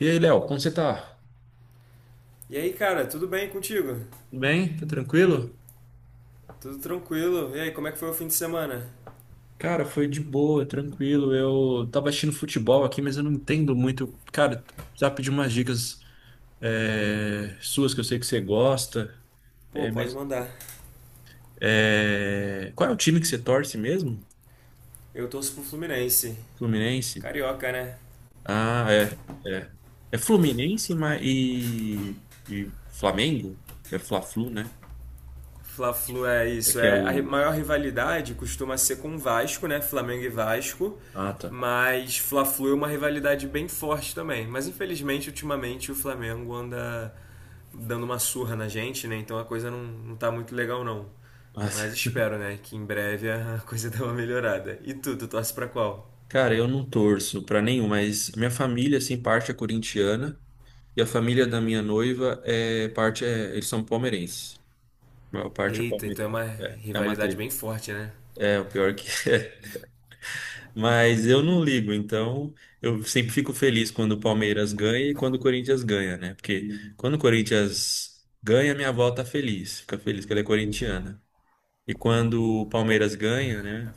E aí, Léo, como você tá? E aí, cara, tudo bem contigo? Tudo bem? Tá tranquilo? Tudo tranquilo? E aí, como é que foi o fim de semana? Cara, foi de boa, tranquilo. Eu tava assistindo futebol aqui, mas eu não entendo muito. Cara, já pedi umas dicas suas que eu sei que você gosta. Pô, É, pode mas, mandar. Qual é o time que você torce mesmo? Eu torço pro Fluminense. Fluminense? Carioca, né? Ah, é. É, Fluminense e Flamengo? Que é Fla-Flu, né? Fla-Flu é É isso. que é É a o. maior rivalidade costuma ser com o Vasco, né? Flamengo e Vasco. Ah, tá. Mas Fla-Flu é uma rivalidade bem forte também. Mas infelizmente, ultimamente, o Flamengo anda dando uma surra na gente, né? Então a coisa não tá muito legal, não. Mas espero, né? Que em breve a coisa dê uma melhorada. E tu torce pra qual? Cara, eu não torço pra nenhum, mas minha família, assim, parte é corintiana e a família da minha noiva eles são palmeirenses. A maior parte é Eita, então é palmeirense. uma É, é uma rivalidade treta. bem forte, né? É, o pior é que. Mas eu não ligo, então eu sempre fico feliz quando o Palmeiras ganha e quando o Corinthians ganha, né? Porque quando o Corinthians ganha, minha avó fica feliz que ela é corintiana. E quando o Palmeiras ganha, né?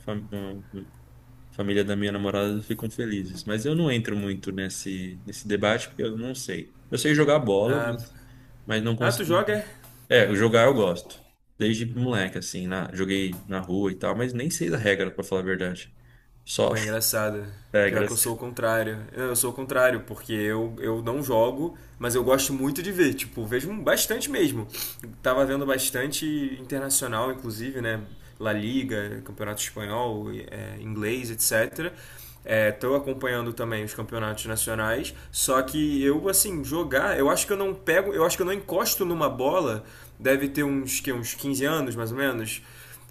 Família da minha namorada ficam felizes. Mas eu não entro muito nesse debate porque eu não sei. Eu sei jogar bola, Ah, mas não ah, tu consigo. joga? É? É, jogar eu gosto. Desde moleque, joguei na rua e tal, mas nem sei da regra, pra falar a verdade. Só Pô, é engraçado. Pior que eu regras. sou o contrário. Eu sou o contrário, porque eu não jogo, mas eu gosto muito de ver. Tipo, vejo bastante mesmo. Tava vendo bastante internacional, inclusive, né? La Liga, Campeonato Espanhol, inglês, etc. Estou acompanhando também os campeonatos nacionais, só que eu, assim, jogar, eu acho que eu não pego, eu acho que eu não encosto numa bola, deve ter uns, que, uns 15 anos, mais ou menos.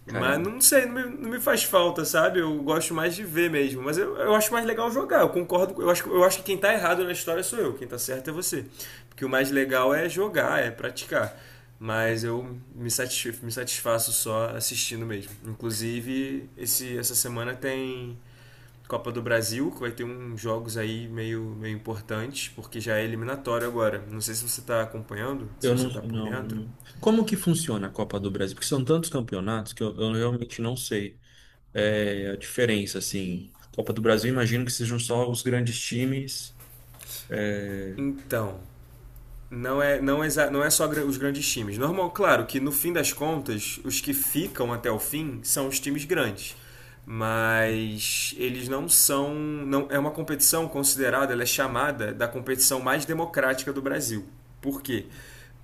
Mas Caramba. não sei, não me faz falta, sabe? Eu gosto mais de ver mesmo. Mas eu acho mais legal jogar, eu concordo. Eu acho que quem tá errado na história sou eu, quem tá certo é você. Porque o mais legal é jogar, é praticar. Mas me satisfaço só assistindo mesmo. Inclusive, essa semana tem Copa do Brasil, que vai ter uns jogos aí meio importantes, porque já é eliminatório agora. Não sei se você tá acompanhando, se Eu não, você tá por dentro. não. Como que funciona a Copa do Brasil? Porque são tantos campeonatos que eu realmente não sei a diferença, assim. Copa do Brasil, imagino que sejam só os grandes times. Então, não é só os grandes times. Normal, claro que no fim das contas, os que ficam até o fim são os times grandes. Mas eles não são. Não, é uma competição considerada, ela é chamada da competição mais democrática do Brasil. Por quê?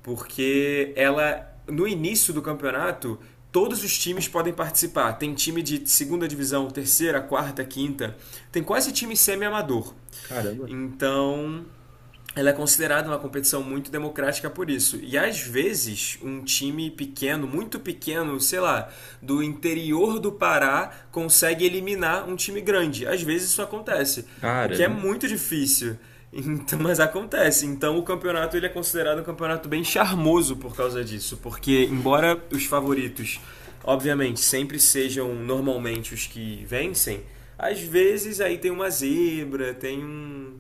Porque ela, no início do campeonato, todos os times podem participar. Tem time de segunda divisão, terceira, quarta, quinta. Tem quase time semi-amador. Caramba. Então, ela é considerada uma competição muito democrática por isso. E às vezes, um time pequeno, muito pequeno, sei lá, do interior do Pará, consegue eliminar um time grande. Às vezes isso acontece, o que Cara. é muito difícil. Então, mas acontece. Então o campeonato ele é considerado um campeonato bem charmoso por causa disso, porque embora os favoritos, obviamente, sempre sejam normalmente os que vencem, às vezes aí tem uma zebra, tem um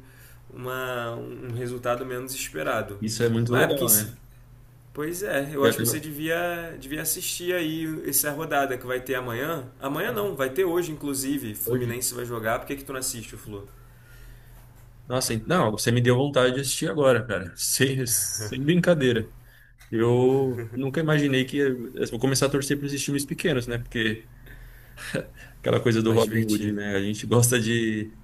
uma, um resultado menos esperado. Isso é muito Mas é, porque, legal, né? pois é, eu Eu- acho que você eu- devia assistir aí essa rodada que vai ter amanhã. Amanhã cara, não, vai ter hoje, inclusive. hoje. Fluminense vai jogar. Por que, que tu não assiste o Flu? Nossa, não, você me deu vontade de assistir agora, cara. Sem brincadeira. Eu nunca imaginei que eu vou começar a torcer para esses times pequenos, né? Porque aquela coisa do Mais Robin Hood, divertido. né? A gente gosta de,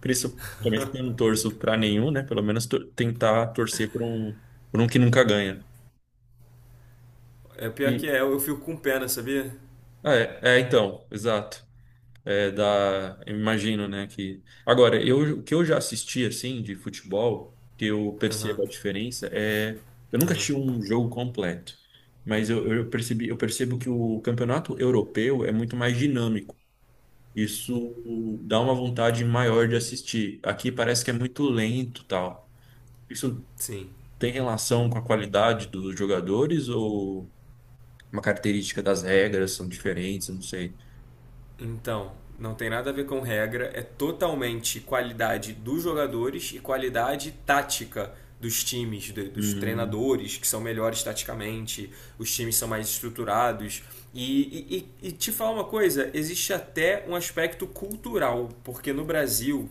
principalmente porque eu não torço para nenhum, né? Pelo menos tentar torcer por um que nunca ganha. É pior E, que é, eu fico com pena, sabia? Então, exato. Eu imagino, né, que agora eu o que eu já assisti assim de futebol, que eu Aham, percebo a uhum, diferença eu nunca assisti um jogo completo, mas eu percebo que o campeonato europeu é muito mais dinâmico. Isso dá uma vontade maior de assistir. Aqui parece que é muito lento, tal. Isso sim. tem relação com a qualidade dos jogadores ou uma característica das regras são diferentes, eu não sei. Então, não tem nada a ver com regra, é totalmente qualidade dos jogadores e qualidade tática dos times, dos Hum, treinadores que são melhores taticamente, os times são mais estruturados. E te falar uma coisa: existe até um aspecto cultural, porque no Brasil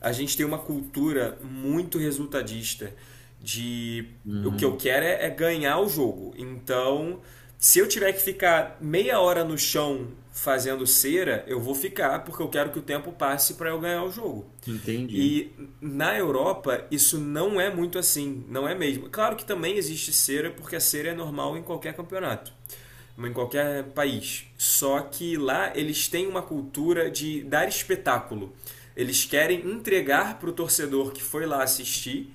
a gente tem uma cultura muito resultadista de o que eu hum, quero é ganhar o jogo. Então, se eu tiver que ficar meia hora no chão fazendo cera, eu vou ficar porque eu quero que o tempo passe para eu ganhar o jogo. entendi. E na Europa isso não é muito assim, não é mesmo. Claro que também existe cera porque a cera é normal em qualquer campeonato em qualquer país. Só que lá eles têm uma cultura de dar espetáculo. Eles querem entregar para o torcedor que foi lá assistir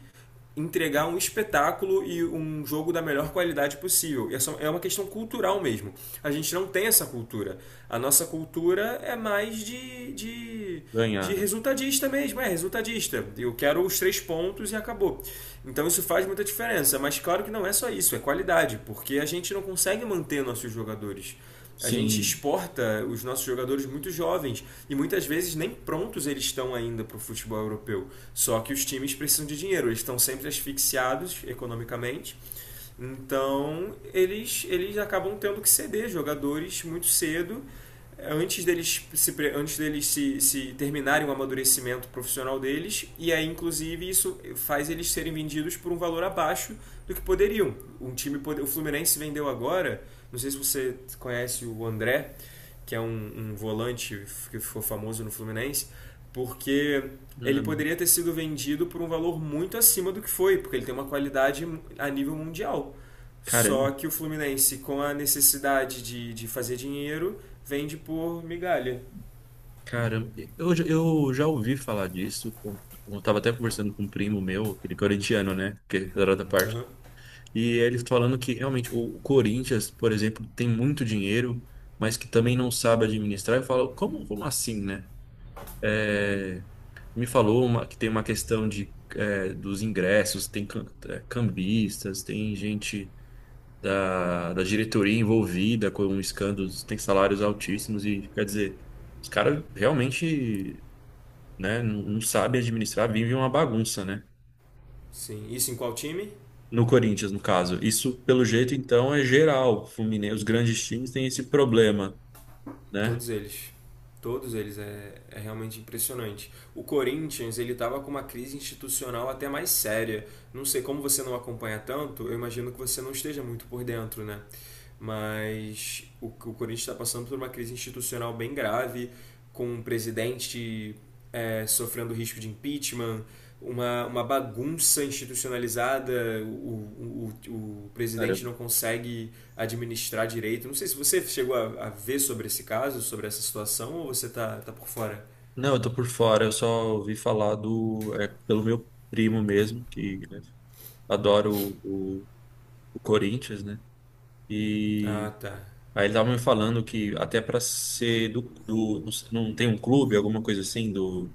entregar um espetáculo e um jogo da melhor qualidade possível. É uma questão cultural mesmo. A gente não tem essa cultura. A nossa cultura é mais de Ganharam. resultadista mesmo, é resultadista. Eu quero os 3 pontos e acabou. Então isso faz muita diferença. Mas claro que não é só isso, é qualidade, porque a gente não consegue manter nossos jogadores. A gente Sim. exporta os nossos jogadores muito jovens e muitas vezes nem prontos eles estão ainda para o futebol europeu. Só que os times precisam de dinheiro, eles estão sempre asfixiados economicamente. Então, eles acabam tendo que ceder jogadores muito cedo, antes deles, se terminarem o amadurecimento profissional deles, e aí, inclusive, isso faz eles serem vendidos por um valor abaixo do que poderiam. Um time, o Fluminense vendeu agora, não sei se você conhece o André, que é um volante que ficou famoso no Fluminense, porque ele Não. poderia ter sido vendido por um valor muito acima do que foi, porque ele tem uma qualidade a nível mundial. Só Caramba, que o Fluminense, com a necessidade de fazer dinheiro, vende por migalha. caramba. Eu já ouvi falar disso. Eu tava até conversando com um primo meu, aquele corintiano, né? Que era da parte. Uhum. E eles falando que realmente o Corinthians, por exemplo, tem muito dinheiro, mas que também não sabe administrar. Eu falo, como assim, né? É, me falou que tem uma questão de, dos ingressos, tem cambistas, tem gente. Da diretoria envolvida com escândalos, tem salários altíssimos e, quer dizer, os caras realmente, né, não sabem administrar, vivem uma bagunça, né? Sim. Isso em qual time? No Corinthians, no caso. Isso, pelo jeito, então, é geral. Fluminense, os grandes times têm esse problema, né? Todos eles. Todos eles. É, é realmente impressionante. O Corinthians, ele tava com uma crise institucional até mais séria. Não sei como você não acompanha tanto, eu imagino que você não esteja muito por dentro, né? Mas o Corinthians está passando por uma crise institucional bem grave, com o presidente sofrendo risco de impeachment, uma bagunça institucionalizada, o Cara, presidente eu- não consegue administrar direito. Não sei se você chegou a ver sobre esse caso, sobre essa situação, ou você tá por fora? não, eu tô por fora, eu só ouvi falar pelo meu primo mesmo, que né, adora o o Corinthians, né? E Ah, tá. aí ele tava me falando que até para ser não tem um clube, alguma coisa assim do,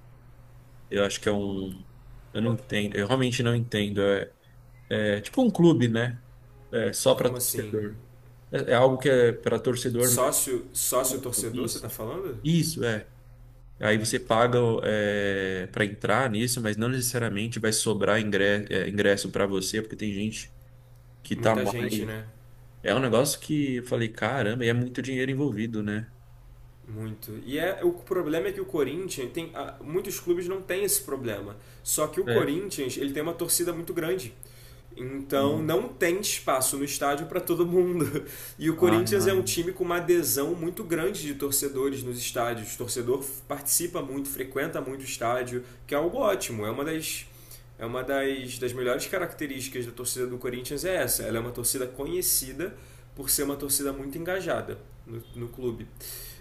eu acho que é um, eu não entendo, eu realmente não entendo. É, é tipo um clube, né? É só para Como assim? torcedor. É, é algo que é para torcedor, mas Sócio torcedor, você isso, tá falando? isso é. Aí você paga para entrar nisso, mas não necessariamente vai sobrar ingresso para você, porque tem gente que tá Muita gente, mais. né? É um negócio que eu falei, caramba, e é muito dinheiro envolvido, né? Muito. E o problema é que o Corinthians tem. Muitos clubes não têm esse problema. Só que o É. Corinthians ele tem uma torcida muito grande. Então Uhum. não tem espaço no estádio para todo mundo. E o Corinthians é um Ah, time com uma adesão muito grande de torcedores nos estádios. O torcedor participa muito, frequenta muito o estádio, que é algo ótimo. É uma das melhores características da torcida do Corinthians é essa. Ela é uma torcida conhecida por ser uma torcida muito engajada no clube.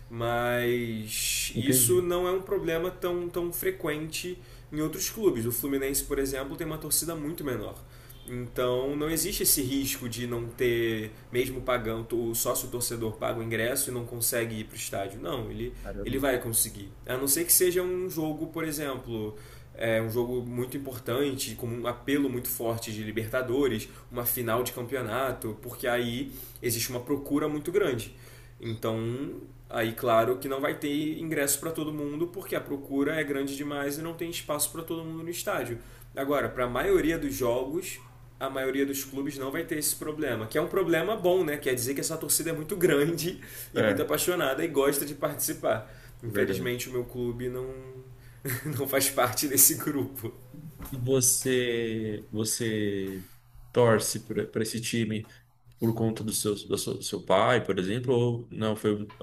Mas isso entendi. não é um problema tão frequente em outros clubes. O Fluminense, por exemplo, tem uma torcida muito menor. Então não existe esse risco de não ter, mesmo pagando, o sócio torcedor paga o ingresso e não consegue ir para o estádio. Não, Caramba. ele vai conseguir. A não ser que seja um jogo, por exemplo, um jogo muito importante, com um apelo muito forte de Libertadores, uma final de campeonato, porque aí existe uma procura muito grande. Então, aí, claro que não vai ter ingresso para todo mundo, porque a procura é grande demais e não tem espaço para todo mundo no estádio. Agora, para a maioria dos jogos, a maioria dos clubes não vai ter esse problema, que é um problema bom, né? Quer dizer que essa torcida é muito grande e muito É, apaixonada e gosta de participar. verdade. Infelizmente, o meu clube não, não faz parte desse grupo. E você torce para esse time por conta do seu pai, por exemplo, ou não foi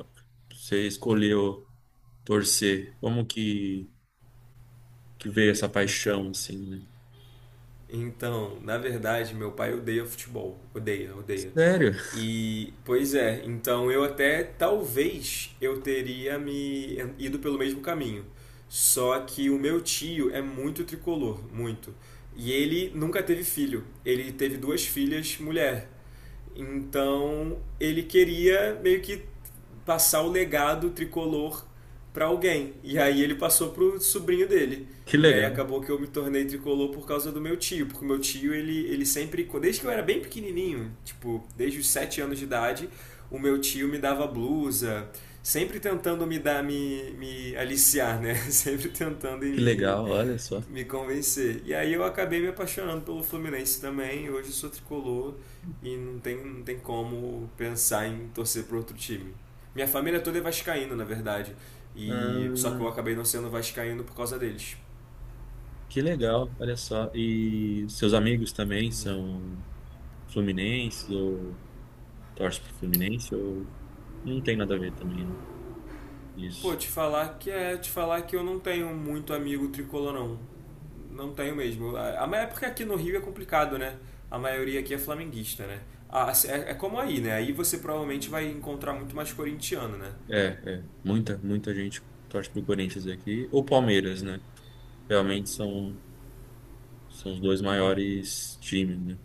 você escolheu torcer? Como que veio essa Então, paixão assim, né? Então, na verdade, meu pai odeia futebol. Odeia, odeia. Sério? E, pois é, então eu até talvez eu teria me ido pelo mesmo caminho. Só que o meu tio é muito tricolor, muito. E ele nunca teve filho. Ele teve duas filhas mulher. Então ele queria meio que passar o legado tricolor para alguém. E aí ele passou pro sobrinho dele. Que E aí legal. acabou que eu me tornei tricolor por causa do meu tio, porque o meu tio, ele sempre, desde que eu era bem pequenininho, tipo, desde os 7 anos de idade, o meu tio me dava blusa, sempre tentando me dar, me aliciar, né? Sempre tentando Que legal, olha só. me convencer. E aí eu acabei me apaixonando pelo Fluminense também, hoje eu sou tricolor e não tem como pensar em torcer para outro time. Minha família toda é vascaína, na verdade. E só que Ah, eu acabei não sendo vascaíno por causa deles. que legal, olha só. E seus amigos também Pois é. são fluminenses ou torce pro Fluminense ou não tem nada a ver também, né? Pô, Isso. Te falar que eu não tenho muito amigo tricolor não. Não tenho mesmo. A é porque aqui no Rio é complicado, né? A maioria aqui é flamenguista, né? Ah, é como aí, né? Aí você provavelmente vai encontrar muito mais corintiano, né? É, é. Muita gente torce pro Corinthians aqui. Ou Palmeiras, né? Realmente são, são os dois maiores times, né?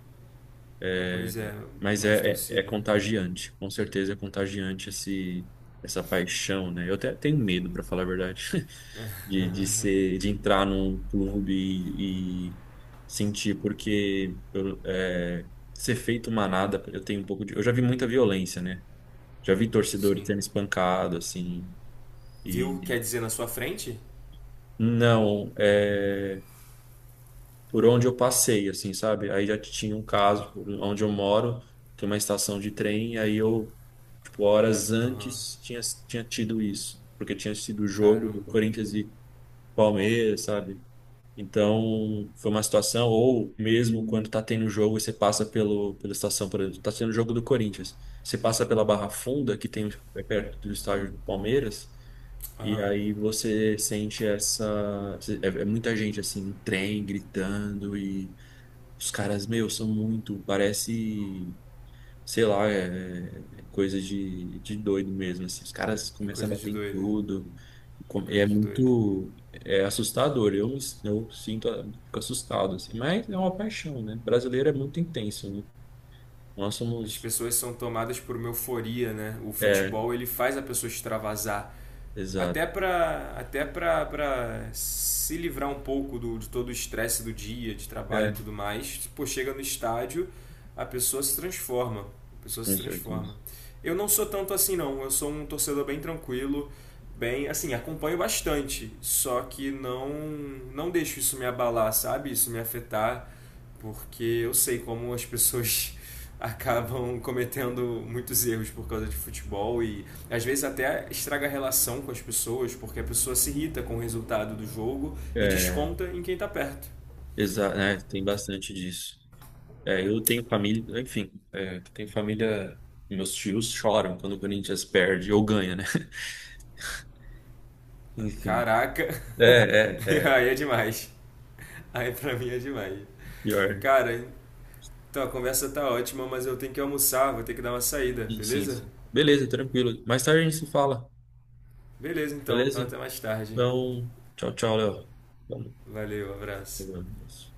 Pois é, mais É torcida. contagiante. Com certeza é contagiante essa paixão, né? Eu até tenho medo, para falar a verdade, de ser, de entrar num clube e sentir, porque ser feito manada, eu tenho um pouco de. Eu já vi muita violência, né? Já vi torcedores Sim. sendo espancado, assim. Viu? O que E quer dizer na sua frente? não, é por onde eu passei, assim, sabe? Aí já tinha um caso, por onde eu moro, tem uma estação de trem, e tipo, horas Aham. antes tinha, tinha tido isso, porque tinha sido o jogo do Caramba. Corinthians e Palmeiras, sabe? Então, foi uma situação, ou mesmo quando tá tendo jogo e você passa pela estação, por exemplo, tá tendo jogo do Corinthians, você passa pela Barra Funda, que tem é perto do estádio do Palmeiras, e Aham. aí você sente essa. É muita gente assim, no trem, gritando, e os caras, meu, são muito. Parece, sei lá, é, é é coisa de doido mesmo. Assim. Os caras É começam a coisa de bater em doida. tudo. É É coisa de doida. muito. É assustador. Eu sinto, ah, fico assustado, assim. Mas é uma paixão, né? Brasileiro é muito intenso, né? Nós As somos. pessoas são tomadas por uma euforia, né? O É, futebol, ele faz a pessoa extravasar. exato. Até pra se livrar um pouco de todo o estresse do dia, de trabalho e É, tudo mais. Pô, chega no estádio, a pessoa se transforma. A pessoa com se certeza. transforma. Eu não sou tanto assim, não. Eu sou um torcedor bem tranquilo, bem, assim, acompanho bastante. Só que não deixo isso me abalar, sabe? Isso me afetar porque eu sei como as pessoas acabam cometendo muitos erros por causa de futebol e às vezes até estraga a relação com as pessoas, porque a pessoa se irrita com o resultado do jogo e É, desconta em quem tá perto. exato, né? Tem bastante disso. Eu tenho família, tenho família, meus tios choram quando o Corinthians perde ou ganha, né? Enfim. Caraca, É, é, é. aí é demais. Aí pra mim é demais. Pior. Cara, então a conversa tá ótima, mas eu tenho que almoçar, vou ter que dar uma saída, Sim, sim, beleza? sim. Beleza, tranquilo. Mais tarde a gente se fala, Beleza então, então beleza? até mais tarde. Então, tchau, tchau, Léo. Valeu, abraço. Vamos.